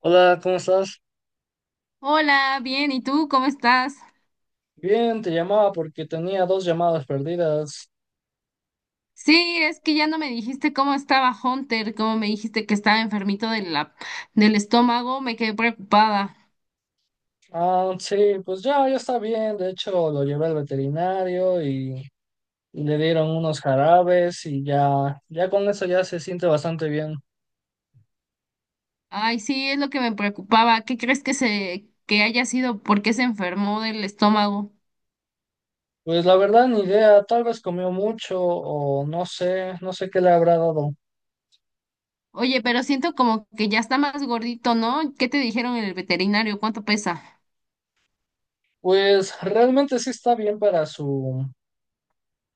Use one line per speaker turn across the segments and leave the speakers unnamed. Hola, ¿cómo estás?
Hola, bien, ¿y tú cómo estás?
Bien, te llamaba porque tenía 2 llamadas perdidas.
Sí, es que ya no me dijiste cómo estaba Hunter, como me dijiste que estaba enfermito de del estómago, me quedé preocupada.
Ah, sí, pues ya, ya está bien. De hecho, lo llevé al veterinario y le dieron unos jarabes y ya, ya con eso ya se siente bastante bien.
Ay, sí, es lo que me preocupaba. ¿Qué crees que haya sido? ¿Por qué se enfermó del estómago?
Pues la verdad, ni idea, tal vez comió mucho o no sé qué le habrá dado.
Oye, pero siento como que ya está más gordito, ¿no? ¿Qué te dijeron en el veterinario? ¿Cuánto pesa?
Pues realmente sí está bien para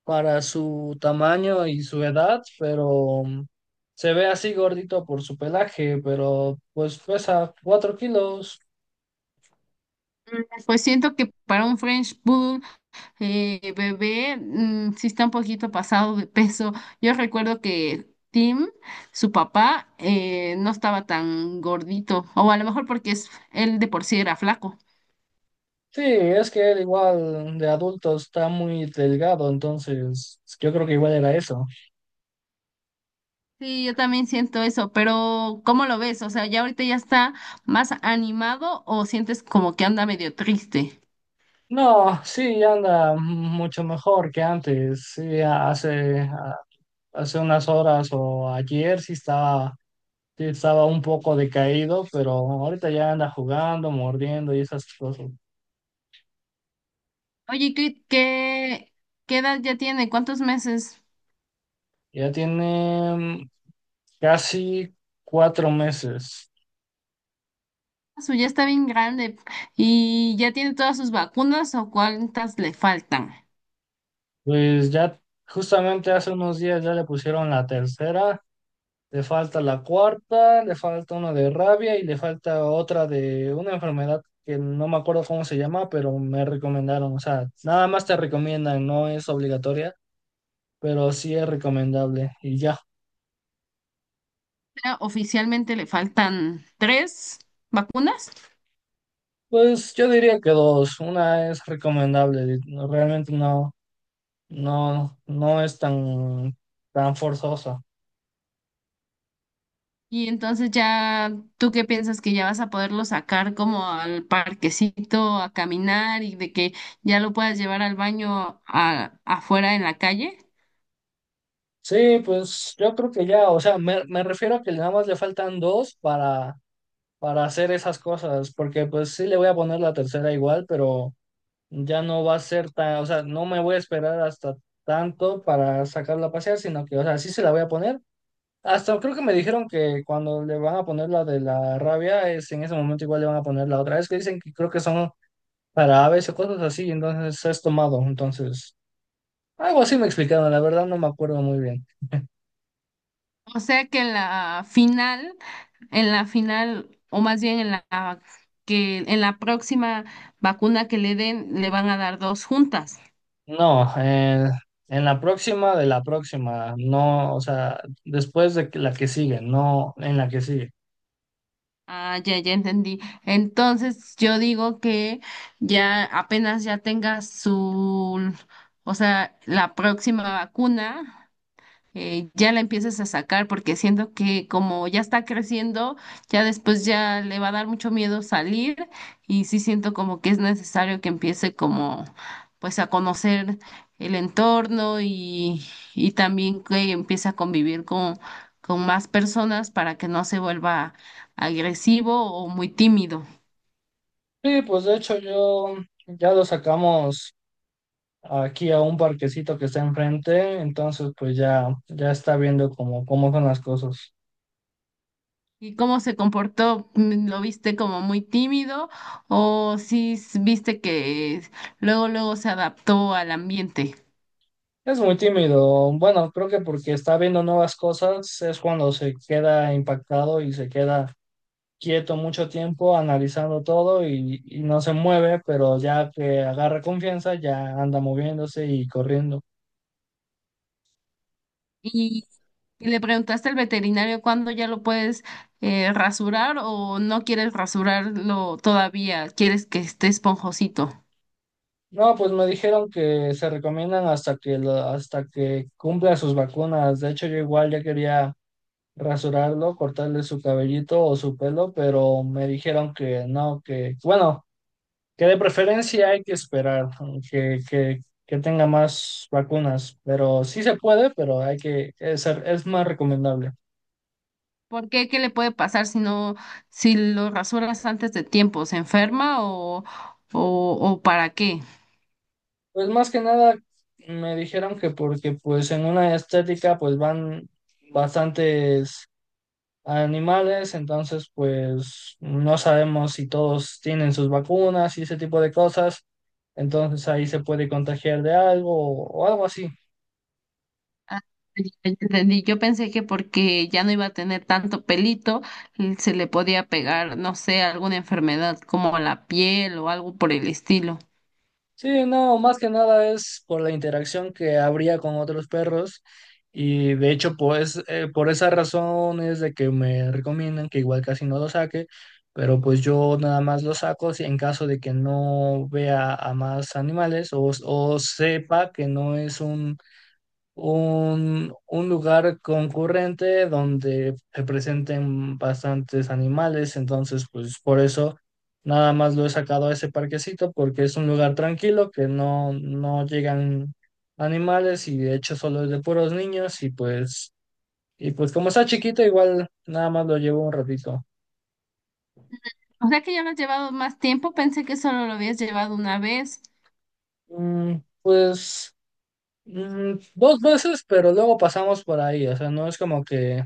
para su tamaño y su edad, pero se ve así gordito por su pelaje, pero pues pesa 4 kilos.
Pues siento que para un French Poodle bebé, sí está un poquito pasado de peso. Yo recuerdo que Tim, su papá, no estaba tan gordito, o a lo mejor él de por sí era flaco.
Sí, es que él igual de adulto está muy delgado, entonces yo creo que igual era eso.
Sí, yo también siento eso, pero ¿cómo lo ves? O sea, ¿ya ahorita ya está más animado o sientes como que anda medio triste?
No, sí, anda mucho mejor que antes. Sí, hace unas horas o ayer sí estaba un poco decaído, pero ahorita ya anda jugando, mordiendo y esas cosas.
Oye, ¿qué edad ya tiene? ¿Cuántos meses?
Ya tiene casi 4 meses.
Ah, su ya está bien grande y ya tiene todas sus vacunas o cuántas le faltan.
Pues ya justamente hace unos días ya le pusieron la tercera, le falta la cuarta, le falta una de rabia y le falta otra de una enfermedad que no me acuerdo cómo se llama, pero me recomendaron. O sea, nada más te recomiendan, no es obligatoria, pero sí es recomendable. Y ya,
Ya oficialmente le faltan tres vacunas.
pues yo diría que dos. Una es recomendable, realmente no. No, no es tan forzosa.
Y entonces ya, ¿tú qué piensas que ya vas a poderlo sacar como al parquecito a caminar y de que ya lo puedas llevar al baño afuera en la calle?
Sí, pues yo creo que ya, o sea, me refiero a que nada más le faltan dos para hacer esas cosas, porque pues sí le voy a poner la tercera igual, pero ya no va a ser tan, o sea, no me voy a esperar hasta tanto para sacarla a pasear, sino que, o sea, sí se la voy a poner. Hasta creo que me dijeron que cuando le van a poner la de la rabia, es en ese momento igual le van a poner la otra. Es que dicen que creo que son para aves o cosas así, entonces es tomado, entonces. Algo así me explicaron, la verdad no me acuerdo muy bien.
O sea que en la final, o más bien en la que en la próxima vacuna que le den, le van a dar dos juntas.
No, en la próxima de la próxima, no, o sea, la que sigue, no en la que sigue.
Ah, ya, ya entendí. Entonces, yo digo que ya apenas ya tenga su, o sea, la próxima vacuna, ya la empiezas a sacar, porque siento que como ya está creciendo, ya después ya le va a dar mucho miedo salir y sí siento como que es necesario que empiece como pues a conocer el entorno y también que empiece a convivir con más personas para que no se vuelva agresivo o muy tímido.
Sí, pues de hecho yo ya lo sacamos aquí a un parquecito que está enfrente, entonces pues ya, ya está viendo cómo son las cosas.
¿Y cómo se comportó? Mm. ¿Lo viste como muy tímido o viste que luego luego se adaptó al ambiente?
Es muy tímido, bueno, creo que porque está viendo nuevas cosas es cuando se queda impactado y se queda quieto mucho tiempo analizando todo y no se mueve, pero ya que agarra confianza ya anda moviéndose y corriendo.
¿Y, y le preguntaste al veterinario cuándo ya lo puedes, rasurar o no quieres rasurarlo todavía? ¿Quieres que esté esponjosito?
No, pues me dijeron que se recomiendan hasta que cumpla sus vacunas. De hecho, yo igual ya quería rasurarlo, cortarle su cabellito o su pelo, pero me dijeron que no, que bueno, que de preferencia hay que esperar que tenga más vacunas, pero sí se puede, pero hay que es más recomendable.
¿Por qué? ¿Qué le puede pasar si lo rasuras antes de tiempo? ¿Se enferma o para qué?
Pues más que nada me dijeron que porque pues en una estética pues van bastantes animales, entonces pues no sabemos si todos tienen sus vacunas y ese tipo de cosas, entonces ahí se puede contagiar de algo algo así.
Ah, ya ya entendí. Yo pensé que porque ya no iba a tener tanto pelito, se le podía pegar, no sé, alguna enfermedad como la piel o algo por el estilo.
Sí, no, más que nada es por la interacción que habría con otros perros y de hecho pues por esa razón es de que me recomiendan que igual casi no lo saque, pero pues yo nada más lo saco si en caso de que no vea a más animales o sepa que no es un lugar concurrente donde se presenten bastantes animales, entonces pues por eso nada más lo he sacado a ese parquecito porque es un lugar tranquilo que no, no llegan animales y de hecho solo es de puros niños y pues como está chiquito igual nada más lo llevo un ratito.
O sea que ya lo has llevado más tiempo, pensé que solo lo habías llevado una vez.
Mm, pues 2 veces, pero luego pasamos por ahí, o sea, no es como que...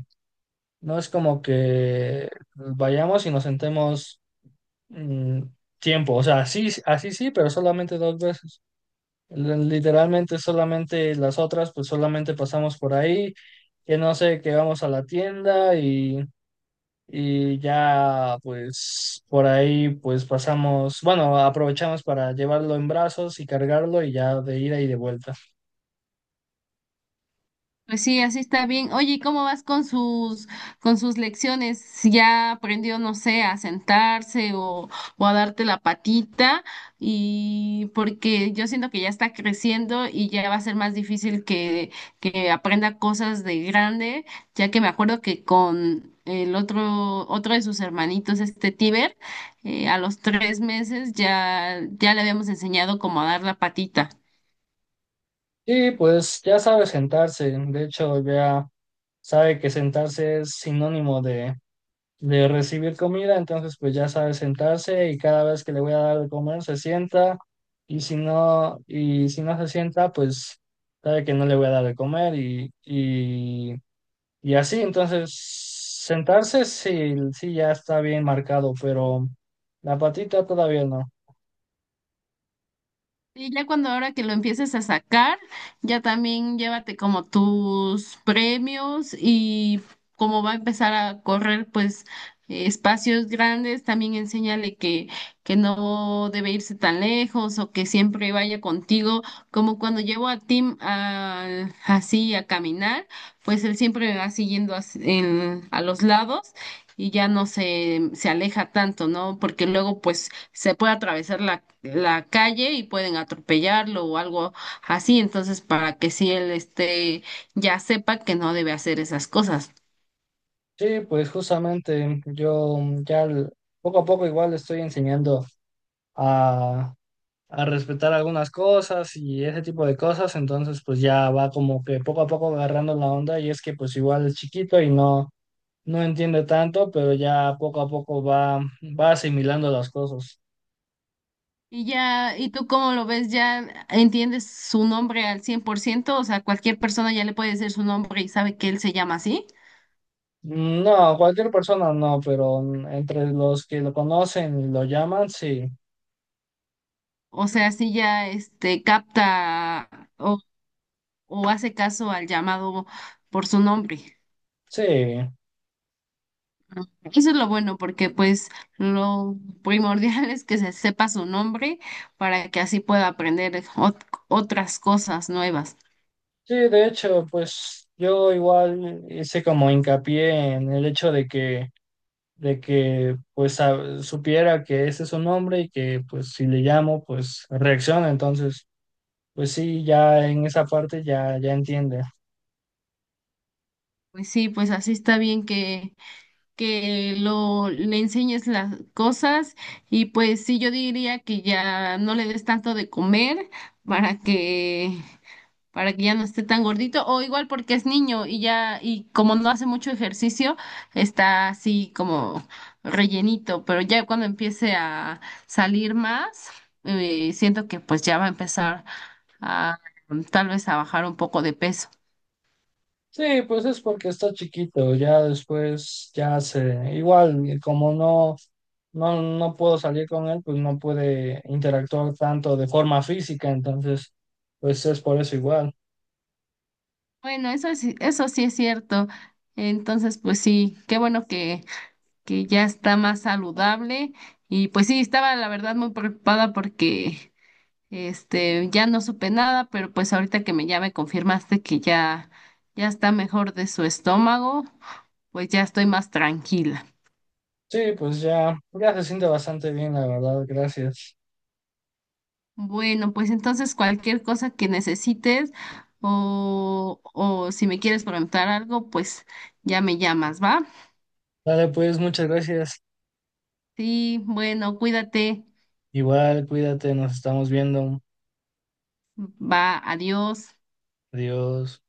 No es como que vayamos y nos sentemos mm, tiempo. O sea, así, así sí, pero solamente 2 veces. Literalmente solamente las otras, pues solamente pasamos por ahí, que no sé, que vamos a la tienda y ya, pues por ahí, pues pasamos, bueno, aprovechamos para llevarlo en brazos y cargarlo y ya de ida y de vuelta.
Pues sí, así está bien. Oye, ¿y cómo vas con sus, con sus lecciones? Si ya aprendió, no sé, a sentarse o a darte la patita, y porque yo siento que ya está creciendo y ya va a ser más difícil que aprenda cosas de grande, ya que me acuerdo que con otro de sus hermanitos, este Tiber, a los 3 meses ya le habíamos enseñado cómo a dar la patita.
Y pues ya sabe sentarse, de hecho ya sabe que sentarse es sinónimo de recibir comida, entonces pues ya sabe sentarse y cada vez que le voy a dar de comer se sienta y si no se sienta, pues sabe que no le voy a dar de comer y así, entonces sentarse sí, sí ya está bien marcado, pero la patita todavía no.
Y ya cuando ahora que lo empieces a sacar, ya también llévate como tus premios y como va a empezar a correr pues, espacios grandes, también enséñale que no debe irse tan lejos o que siempre vaya contigo, como cuando llevo a Tim así a caminar, pues él siempre me va siguiendo a los lados y ya no se aleja tanto, ¿no? Porque luego pues se puede atravesar la calle y pueden atropellarlo o algo así, entonces para que si él esté, ya sepa que no debe hacer esas cosas.
Sí, pues justamente yo ya l- poco a poco igual le estoy enseñando a a respetar algunas cosas y ese tipo de cosas, entonces pues ya va como que poco a poco agarrando la onda y es que pues igual es chiquito y no, no entiende tanto, pero ya poco a poco va asimilando las cosas.
Y ya, ¿y tú cómo lo ves? ¿Ya entiendes su nombre al 100%? O sea, cualquier persona ya le puede decir su nombre y sabe que él se llama así.
No, cualquier persona no, pero entre los que lo conocen y lo llaman, sí,
O sea, si ya este capta o, o hace caso al llamado por su nombre.
sí,
Eso es lo bueno, porque pues lo primordial es que se sepa su nombre para que así pueda aprender otras cosas nuevas.
sí, de hecho, pues yo igual hice como hincapié en el hecho de que pues supiera que ese es su nombre y que pues si le llamo pues reacciona, entonces pues sí, ya en esa parte ya, ya entiende.
Pues sí, pues así está bien que lo le enseñes las cosas y pues sí, yo diría que ya no le des tanto de comer para que, para que ya no esté tan gordito, o igual porque es niño y ya, y como no hace mucho ejercicio, está así como rellenito, pero ya cuando empiece a salir más, siento que pues ya va a empezar a tal vez a bajar un poco de peso.
Sí, pues es porque está chiquito, ya después ya se, igual como no, no, no puedo salir con él, pues no puede interactuar tanto de forma física, entonces pues es por eso igual.
Bueno, eso sí es cierto. Entonces, pues sí, qué bueno que ya está más saludable. Y pues sí, estaba la verdad muy preocupada porque este, ya no supe nada, pero pues ahorita que me ya me confirmaste que ya ya está mejor de su estómago, pues ya estoy más tranquila.
Sí, pues ya, ya se siente bastante bien, la verdad, gracias.
Bueno, pues entonces cualquier cosa que necesites o si me quieres preguntar algo, pues ya me llamas, ¿va?
Dale, pues muchas gracias.
Sí, bueno, cuídate.
Igual, cuídate, nos estamos viendo.
Va, adiós.
Adiós.